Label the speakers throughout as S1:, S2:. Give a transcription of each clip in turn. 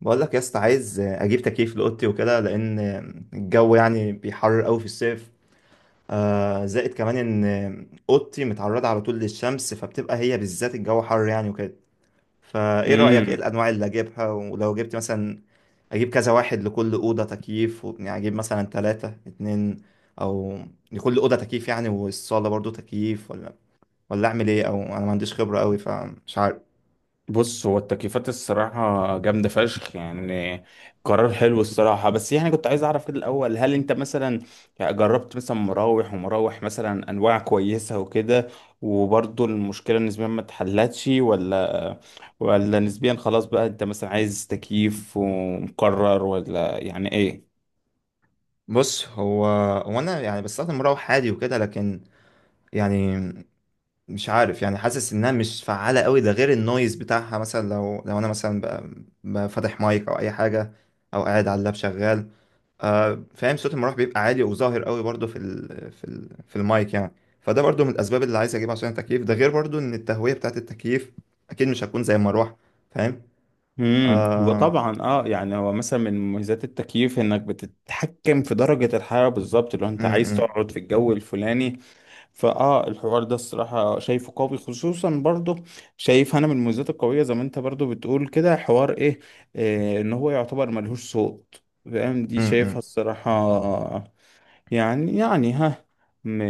S1: بقول لك يا اسطى، عايز اجيب تكييف لاوضتي وكده، لان الجو يعني بيحرر قوي في الصيف. آه، زائد كمان ان اوضتي متعرضه على طول للشمس، فبتبقى هي بالذات الجو حر يعني وكده. فايه رايك، ايه
S2: امم
S1: الانواع اللي اجيبها؟ ولو جبت مثلا اجيب كذا واحد لكل اوضه تكييف يعني اجيب مثلا 3 2، او لكل اوضه تكييف يعني، والصاله برضو تكييف، ولا اعمل ايه؟ او انا ما عنديش خبره قوي فمش عارف.
S2: بص هو التكييفات الصراحة جامدة فشخ يعني. قرار حلو الصراحة، بس يعني كنت عايز أعرف كده الأول، هل أنت مثلا جربت مثلا مراوح مثلا أنواع كويسة وكده، وبرضه المشكلة نسبيا ما اتحلتش، ولا نسبيا خلاص بقى أنت مثلا عايز تكييف ومقرر، ولا يعني إيه؟
S1: بص، هو انا يعني بستخدم مروح عادي وكده، لكن يعني مش عارف، يعني حاسس انها مش فعالة قوي. ده غير النويز بتاعها مثلا، لو انا مثلا فاتح مايك او اي حاجة، او قاعد على اللاب شغال. آه فاهم، صوت المروح بيبقى عالي وظاهر قوي برضو في المايك يعني. فده برضو من الاسباب اللي عايز اجيبها عشان التكييف، ده غير برضو ان التهوية بتاعت التكييف اكيد مش هتكون زي المروحة. فاهم؟ آه م-
S2: وطبعا هو مثلا من مميزات التكييف انك بتتحكم في درجة الحرارة بالظبط لو انت عايز
S1: م-
S2: تقعد في الجو الفلاني. فاه، الحوار ده الصراحة شايفه قوي، خصوصا برضه شايف انا من المميزات القوية زي ما انت برضه بتقول كده، إيه ان هو يعتبر ملهوش صوت. فاهم،
S1: م-
S2: دي شايفها
S1: م-
S2: الصراحة. يعني ها، م...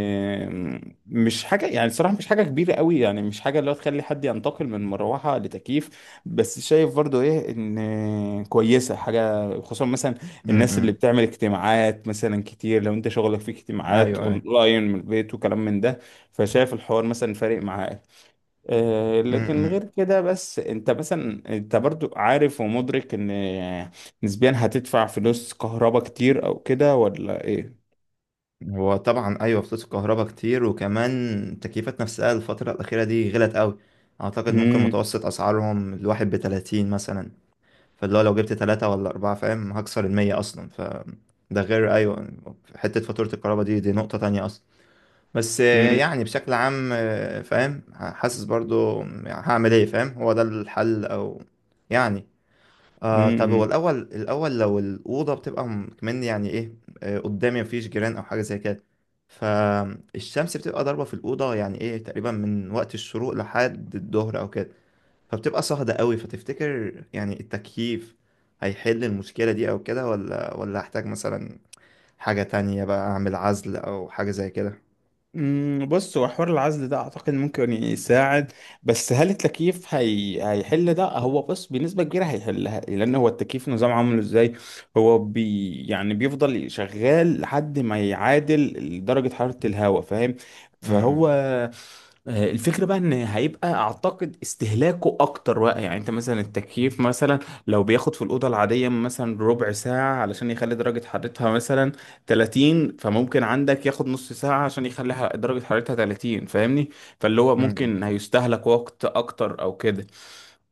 S2: مش حاجة يعني، صراحة مش حاجة كبيرة قوي، يعني مش حاجة اللي هو تخلي حد ينتقل من مروحة لتكييف. بس شايف برضو ايه، ان كويسة حاجة خصوصا مثلا الناس اللي
S1: م.
S2: بتعمل اجتماعات مثلا كتير، لو انت شغلك في اجتماعات
S1: ايوه ايوه.
S2: اونلاين من البيت وكلام من ده، فشايف الحوار مثلا فارق معاك. آه،
S1: م-
S2: لكن غير
S1: م.
S2: كده، بس انت مثلا برضو عارف ومدرك ان نسبيا هتدفع فلوس كهرباء كتير او كده، ولا ايه؟
S1: هو طبعا ايوه، فلوس الكهرباء كتير، وكمان التكييفات نفسها الفترة الأخيرة دي غلت قوي. اعتقد ممكن
S2: مم.
S1: متوسط اسعارهم الواحد بـ30 مثلا. فاللي هو لو جبت 3 ولا 4، فاهم، هكسر 100 اصلا. ف ده غير ايوه، حتة فاتورة الكهرباء، دي نقطة تانية اصلا. بس
S2: مم.
S1: يعني بشكل عام فاهم، حاسس برضو يعني هعمل ايه. فاهم، هو ده الحل، او يعني طب هو
S2: مم.
S1: الأول، لو الأوضة بتبقى كمان يعني إيه، قدامي مفيش جيران أو حاجة زي كده، فالشمس بتبقى ضاربة في الأوضة، يعني إيه، تقريبا من وقت الشروق لحد الظهر أو كده. فبتبقى صهدة قوي. فتفتكر يعني التكييف هيحل المشكلة دي أو كده، ولا أحتاج مثلا حاجة تانية بقى، أعمل عزل أو حاجة زي كده؟
S2: مم. بص، هو حوار العزل ده اعتقد ممكن يساعد، بس هل التكييف هيحل ده؟ هو بص بنسبه كبيره هيحلها، لان هو التكييف نظام عامله ازاي؟ هو بي... يعني بيفضل شغال لحد ما يعادل درجه حراره الهواء، فاهم؟
S1: م-
S2: فهو
S1: م-
S2: آه، الفكرة بقى ان هيبقى اعتقد استهلاكه اكتر بقى. يعني انت مثلا التكييف مثلا لو بياخد في الاوضة العادية مثلا ربع ساعة علشان يخلي درجة حرارتها مثلا 30، فممكن عندك ياخد نص ساعة عشان يخلي درجة حرارتها 30، فاهمني؟ فاللي هو
S1: م-
S2: ممكن هيستهلك وقت اكتر او كده.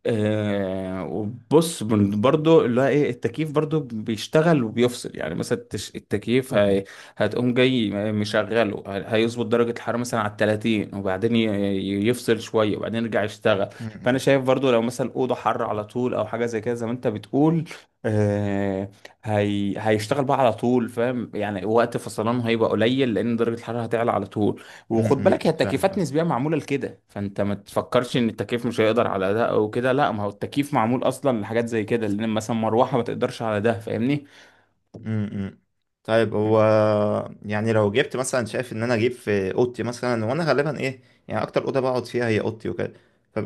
S2: آه، وبص برضو اللي هو ايه، التكييف برضو بيشتغل وبيفصل. يعني مثلا التكييف هي هتقوم جاي مشغله، هيظبط درجة الحرارة مثلا على 30، وبعدين يفصل شوية وبعدين يرجع يشتغل.
S1: م-
S2: فأنا
S1: م-
S2: شايف برضو لو مثلا أوضة حر على طول أو حاجة زي كده، زي ما أنت بتقول، آه، هيشتغل بقى على طول، فاهم؟ يعني وقت فصلانه هيبقى قليل لان درجه الحراره هتعلى على طول. وخد بالك، هي التكييفات
S1: فاهم.
S2: نسبيا معموله لكده، فانت ما تفكرش ان التكييف مش هيقدر على ده او كده، لا، ما هو التكييف معمول اصلا لحاجات زي كده، لان مثلا مروحه ما تقدرش على ده، فاهمني؟
S1: امم، طيب، هو يعني لو جبت مثلا، شايف ان انا اجيب في اوضتي مثلا، وانا غالبا ايه، يعني اكتر اوضه بقعد فيها هي اوضتي وكده،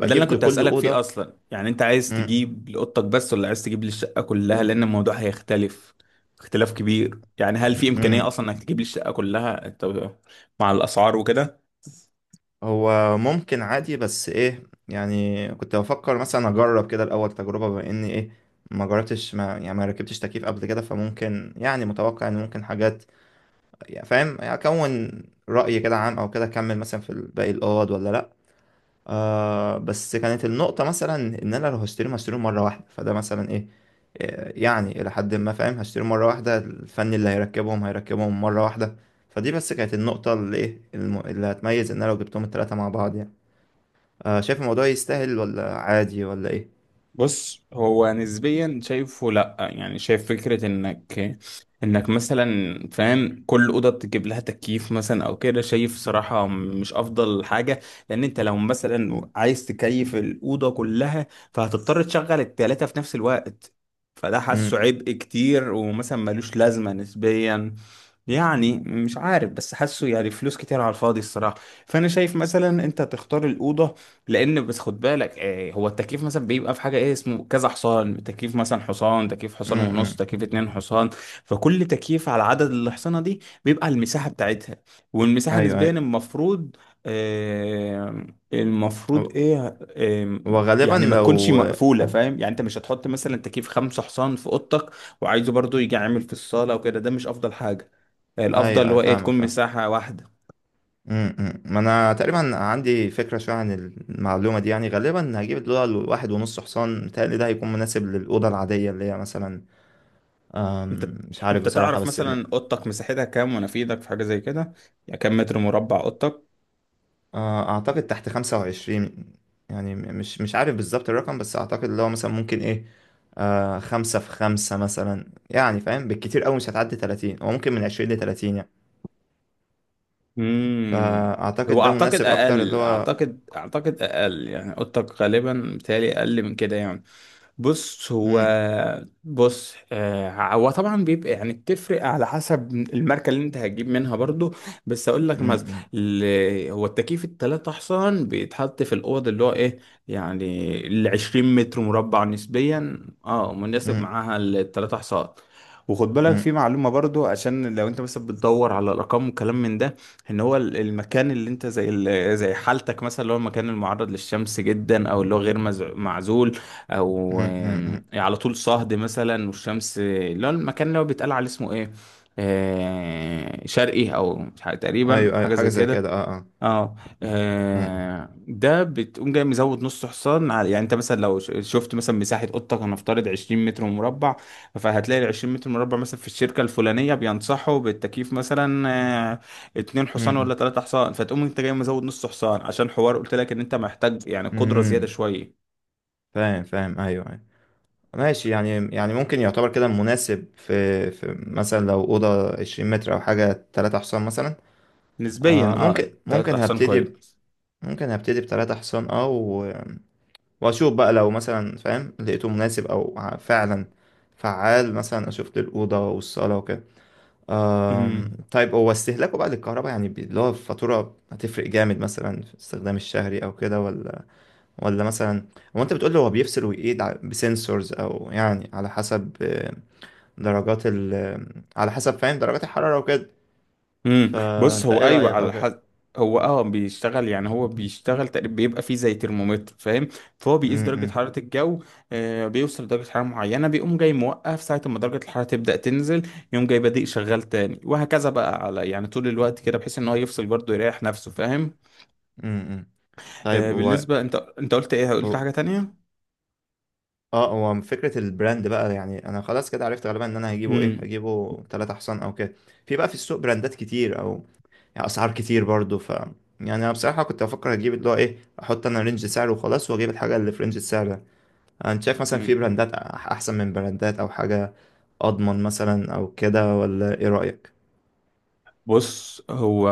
S2: ما ده اللي
S1: اجيب
S2: انا كنت
S1: لكل
S2: هسألك
S1: اوضه.
S2: فيه اصلا، يعني انت عايز
S1: امم.
S2: تجيب لأوضتك بس، ولا عايز تجيب للشقة كلها؟ لان الموضوع هيختلف اختلاف كبير. يعني هل في امكانية
S1: امم.
S2: اصلا انك تجيب للشقة كلها انت مع الاسعار وكده؟
S1: هو ممكن عادي بس ايه، يعني كنت بفكر مثلا اجرب كده الاول تجربه، بما اني ايه، ما جربتش، ما يعني ما ركبتش تكييف قبل كده. فممكن يعني متوقع ان ممكن حاجات يعني، فاهم، اكون راي كده عام او كده، اكمل مثلا في باقي الاوض ولا لا. بس كانت النقطة مثلا إن أنا لو هشتريهم، هشتريهم مرة واحدة. فده مثلا إيه، يعني إلى حد ما فاهم، هشتريهم مرة واحدة، الفني اللي هيركبهم هيركبهم مرة واحدة. فدي بس كانت النقطة اللي إيه اللي هتميز إن أنا لو جبتهم التلاتة مع بعض يعني. آه، شايف الموضوع يستاهل ولا عادي ولا إيه؟
S2: بص، هو نسبيا شايفه لا، يعني شايف فكرة انك مثلا فاهم كل اوضه تجيب لها تكييف مثلا او كده، شايف صراحه مش افضل حاجه، لان انت لو مثلا عايز تكيف الاوضه كلها فهتضطر تشغل التلاته في نفس الوقت، فده حاسه
S1: امم.
S2: عبء كتير ومثلا ملوش لازمه نسبيا. يعني مش عارف بس حاسه يعني فلوس كتير على الفاضي الصراحه. فانا شايف مثلا انت تختار الاوضه، لان بس خد بالك آه، هو التكييف مثلا بيبقى في حاجه ايه اسمه كذا حصان، تكييف مثلا حصان، تكييف حصان
S1: امم.
S2: ونص،
S1: امم.
S2: تكييف اتنين حصان. فكل تكييف على عدد الحصانه دي بيبقى على المساحه بتاعتها، والمساحه
S1: أيوه
S2: نسبيا
S1: أيوه.
S2: المفروض آه، المفروض
S1: و-
S2: ايه آه،
S1: وغالبا
S2: يعني ما تكونش
S1: لو
S2: مقفوله، فاهم؟ يعني انت مش هتحط مثلا تكييف خمسة حصان في اوضتك وعايزه برضو يجي عامل في الصاله وكده، ده مش افضل حاجه.
S1: أيوه
S2: الافضل اللي
S1: أيوه،
S2: هو ايه
S1: فاهمك،
S2: تكون
S1: فاهم.
S2: مساحه واحده.
S1: امم. أمم. ما انا تقريبا عندي فكره شويه عن المعلومه دي، يعني غالبا هجيب الدولار واحد ونص حصان، متهيألي ده هيكون مناسب للاوضه العاديه، اللي هي مثلا
S2: انت
S1: مش عارف
S2: انت
S1: بصراحه،
S2: تعرف
S1: بس
S2: مثلا اوضتك مساحتها كام ونفيدك في حاجه زي كده؟ يعني كام متر مربع اوضتك؟
S1: اعتقد تحت 25 يعني، مش عارف بالظبط الرقم، بس اعتقد اللي هو مثلا ممكن ايه، خمسة في خمسة مثلا يعني، فاهم، بالكتير أوي مش هتعدي 30، هو ممكن من 20 ل 30 يعني.
S2: امم
S1: فأعتقد
S2: هو
S1: ده
S2: اعتقد
S1: مناسب أكتر اللي
S2: اقل،
S1: هو
S2: اعتقد اقل، يعني اوضتك غالبا بتهيألي اقل من كده يعني. بص هو
S1: مم،
S2: بص آه، هو طبعا بيبقى يعني بتفرق على حسب الماركه اللي انت هتجيب منها برضو، بس اقول لك
S1: مم،
S2: مثلا
S1: مم،
S2: هو التكييف التلاتة احسن بيتحط في الاوض اللي هو ايه، يعني ال 20 متر مربع نسبيا اه مناسب
S1: مم،
S2: معاها التلاتة حصان. وخد بالك في معلومه برضو، عشان لو انت مثلا بتدور على الارقام وكلام من ده، ان هو المكان اللي انت زي زي حالتك مثلا، اللي هو المكان المعرض للشمس جدا او اللي هو غير معزول، او
S1: مم، مم،
S2: آم،
S1: مم،
S2: على طول صهد مثلا والشمس، اللي هو المكان اللي هو بيتقال عليه اسمه ايه آه، شرقي او مش تقريبا
S1: ايوه ايوه،
S2: حاجه
S1: حاجه
S2: زي
S1: زي كده،
S2: كده،
S1: اه اه.
S2: اه
S1: أمم،
S2: آه، ده بتقوم جاي مزود نص حصان على. يعني انت مثلا لو شفت مثلا مساحة اوضتك هنفترض 20 متر مربع، فهتلاقي ال 20 متر مربع مثلا في الشركة الفلانية بينصحوا بالتكييف مثلا آه، اتنين حصان
S1: أمم،
S2: ولا تلاتة حصان، فتقوم انت جاي مزود نص حصان، عشان حوار قلت لك ان انت محتاج يعني قدرة زيادة
S1: أمم.
S2: شوية.
S1: فاهم فاهم، ايوه ايوه، ماشي. يعني، يعني ممكن يعتبر كده مناسب في في مثلا لو اوضه 20 متر او حاجه 3 حصان مثلا.
S2: نسبيا
S1: آه ممكن،
S2: اه تلاتة حصان كويس.
S1: ممكن هبتدي بـ3 حصان اه، واشوف بقى لو مثلا فاهم لقيته مناسب، او فعلا فعال مثلا، اشوف للاوضه والصاله وكده. آم،
S2: امم
S1: طيب هو استهلاكه بقى للكهرباء يعني اللي هو الفاتوره هتفرق جامد مثلا في استخدام الشهري او كده، ولا ولا مثلا، هو انت بتقول له هو بيفصل ويقيد بسنسورز، او يعني على حسب درجات ال آه، على حسب، فاهم، درجات الحرارة وكده.
S2: امم بص
S1: فانت
S2: هو
S1: ايه
S2: ايوه
S1: رأيك او
S2: على
S1: كده؟
S2: حد. هو اه بيشتغل، يعني هو بيشتغل تقريبا بيبقى فيه زي ترمومتر، فاهم؟ فهو بيقيس درجة
S1: امم.
S2: حرارة الجو، آه، بيوصل لدرجة حرارة معينة بيقوم جاي موقف، ساعة ما درجة الحرارة تبدأ تنزل يقوم جاي بادئ شغال تاني، وهكذا بقى على يعني طول الوقت كده، بحيث ان هو يفصل برضه يريح نفسه، فاهم؟
S1: امم. طيب
S2: آه
S1: هو
S2: بالنسبة، انت قلت ايه، قلت
S1: هو-
S2: حاجة تانية؟
S1: اه هو فكرة البراند بقى، يعني انا خلاص كده عرفت غالبا ان انا هجيبه ايه، هجيبه 3 حصان او كده. في بقى في السوق براندات كتير، او يعني اسعار كتير برضو. ف يعني انا بصراحة كنت بفكر اجيب اللي هو ايه، احط انا رينج سعر وخلاص، واجيب الحاجة اللي في رينج السعر ده. انت شايف مثلا في
S2: امم
S1: براندات احسن من براندات، او حاجة اضمن مثلا او كده؟ ولا ايه رأيك؟
S2: بص، هو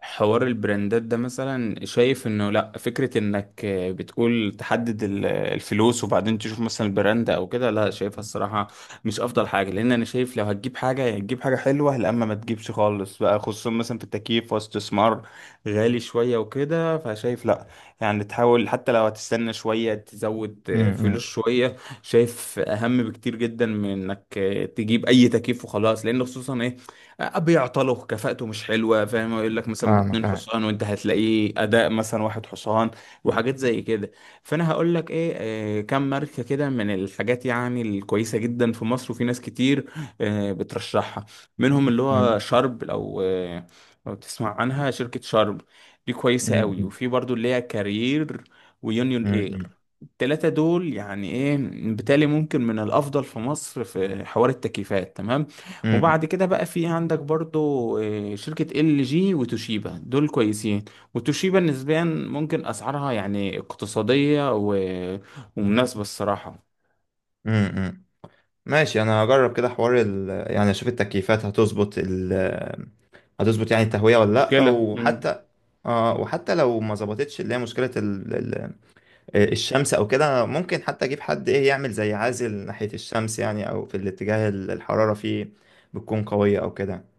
S2: حوار البراندات ده مثلا شايف انه لا، فكرة انك بتقول تحدد الفلوس وبعدين تشوف مثلا البراند او كده، لا شايفها الصراحة مش افضل حاجة. لان انا شايف لو هتجيب حاجة يا تجيب حاجة حلوة، لا اما ما تجيبش خالص بقى، خصوصا مثلا في التكييف واستثمار غالي شوية وكده، فشايف لا يعني تحاول، حتى لو هتستنى شوية تزود فلوس
S1: امم.
S2: شوية. شايف اهم بكتير جدا من انك تجيب اي تكييف وخلاص، لان خصوصا إيه؟ بيعطلوا كفاءته مش حلوه، فاهم؟ يقول لك مثلا
S1: فاهمك
S2: باتنين
S1: اه.
S2: حصان وانت هتلاقيه اداء مثلا واحد حصان وحاجات زي كده. فانا هقول لك ايه، آه، كم ماركه كده من الحاجات يعني الكويسه جدا في مصر وفي ناس كتير آه، بترشحها. منهم اللي
S1: أمم،
S2: هو شرب، لو آه، لو تسمع عنها شركه شرب، دي كويسه قوي.
S1: أمم،
S2: وفي برضو اللي هي كارير ويونيون اير.
S1: أمم،
S2: التلاتة دول يعني ايه بالتالي ممكن من الافضل في مصر في حوار التكييفات تمام.
S1: أمم،
S2: وبعد كده بقى في عندك برضو آه، شركة ال جي وتوشيبا، دول كويسين. وتوشيبا نسبيا ممكن أسعارها يعني اقتصادية ومناسبة الصراحة.
S1: أمم. ماشي، انا هجرب كده حوار يعني اشوف التكييفات هتظبط هتظبط يعني التهوية ولا لا.
S2: مشكلة.
S1: وحتى اه، وحتى لو ما ظبطتش، اللي هي مشكلة الشمس او كده، ممكن حتى اجيب حد ايه يعمل زي عازل ناحية الشمس يعني، او في الاتجاه الحرارة فيه بتكون قوية او كده.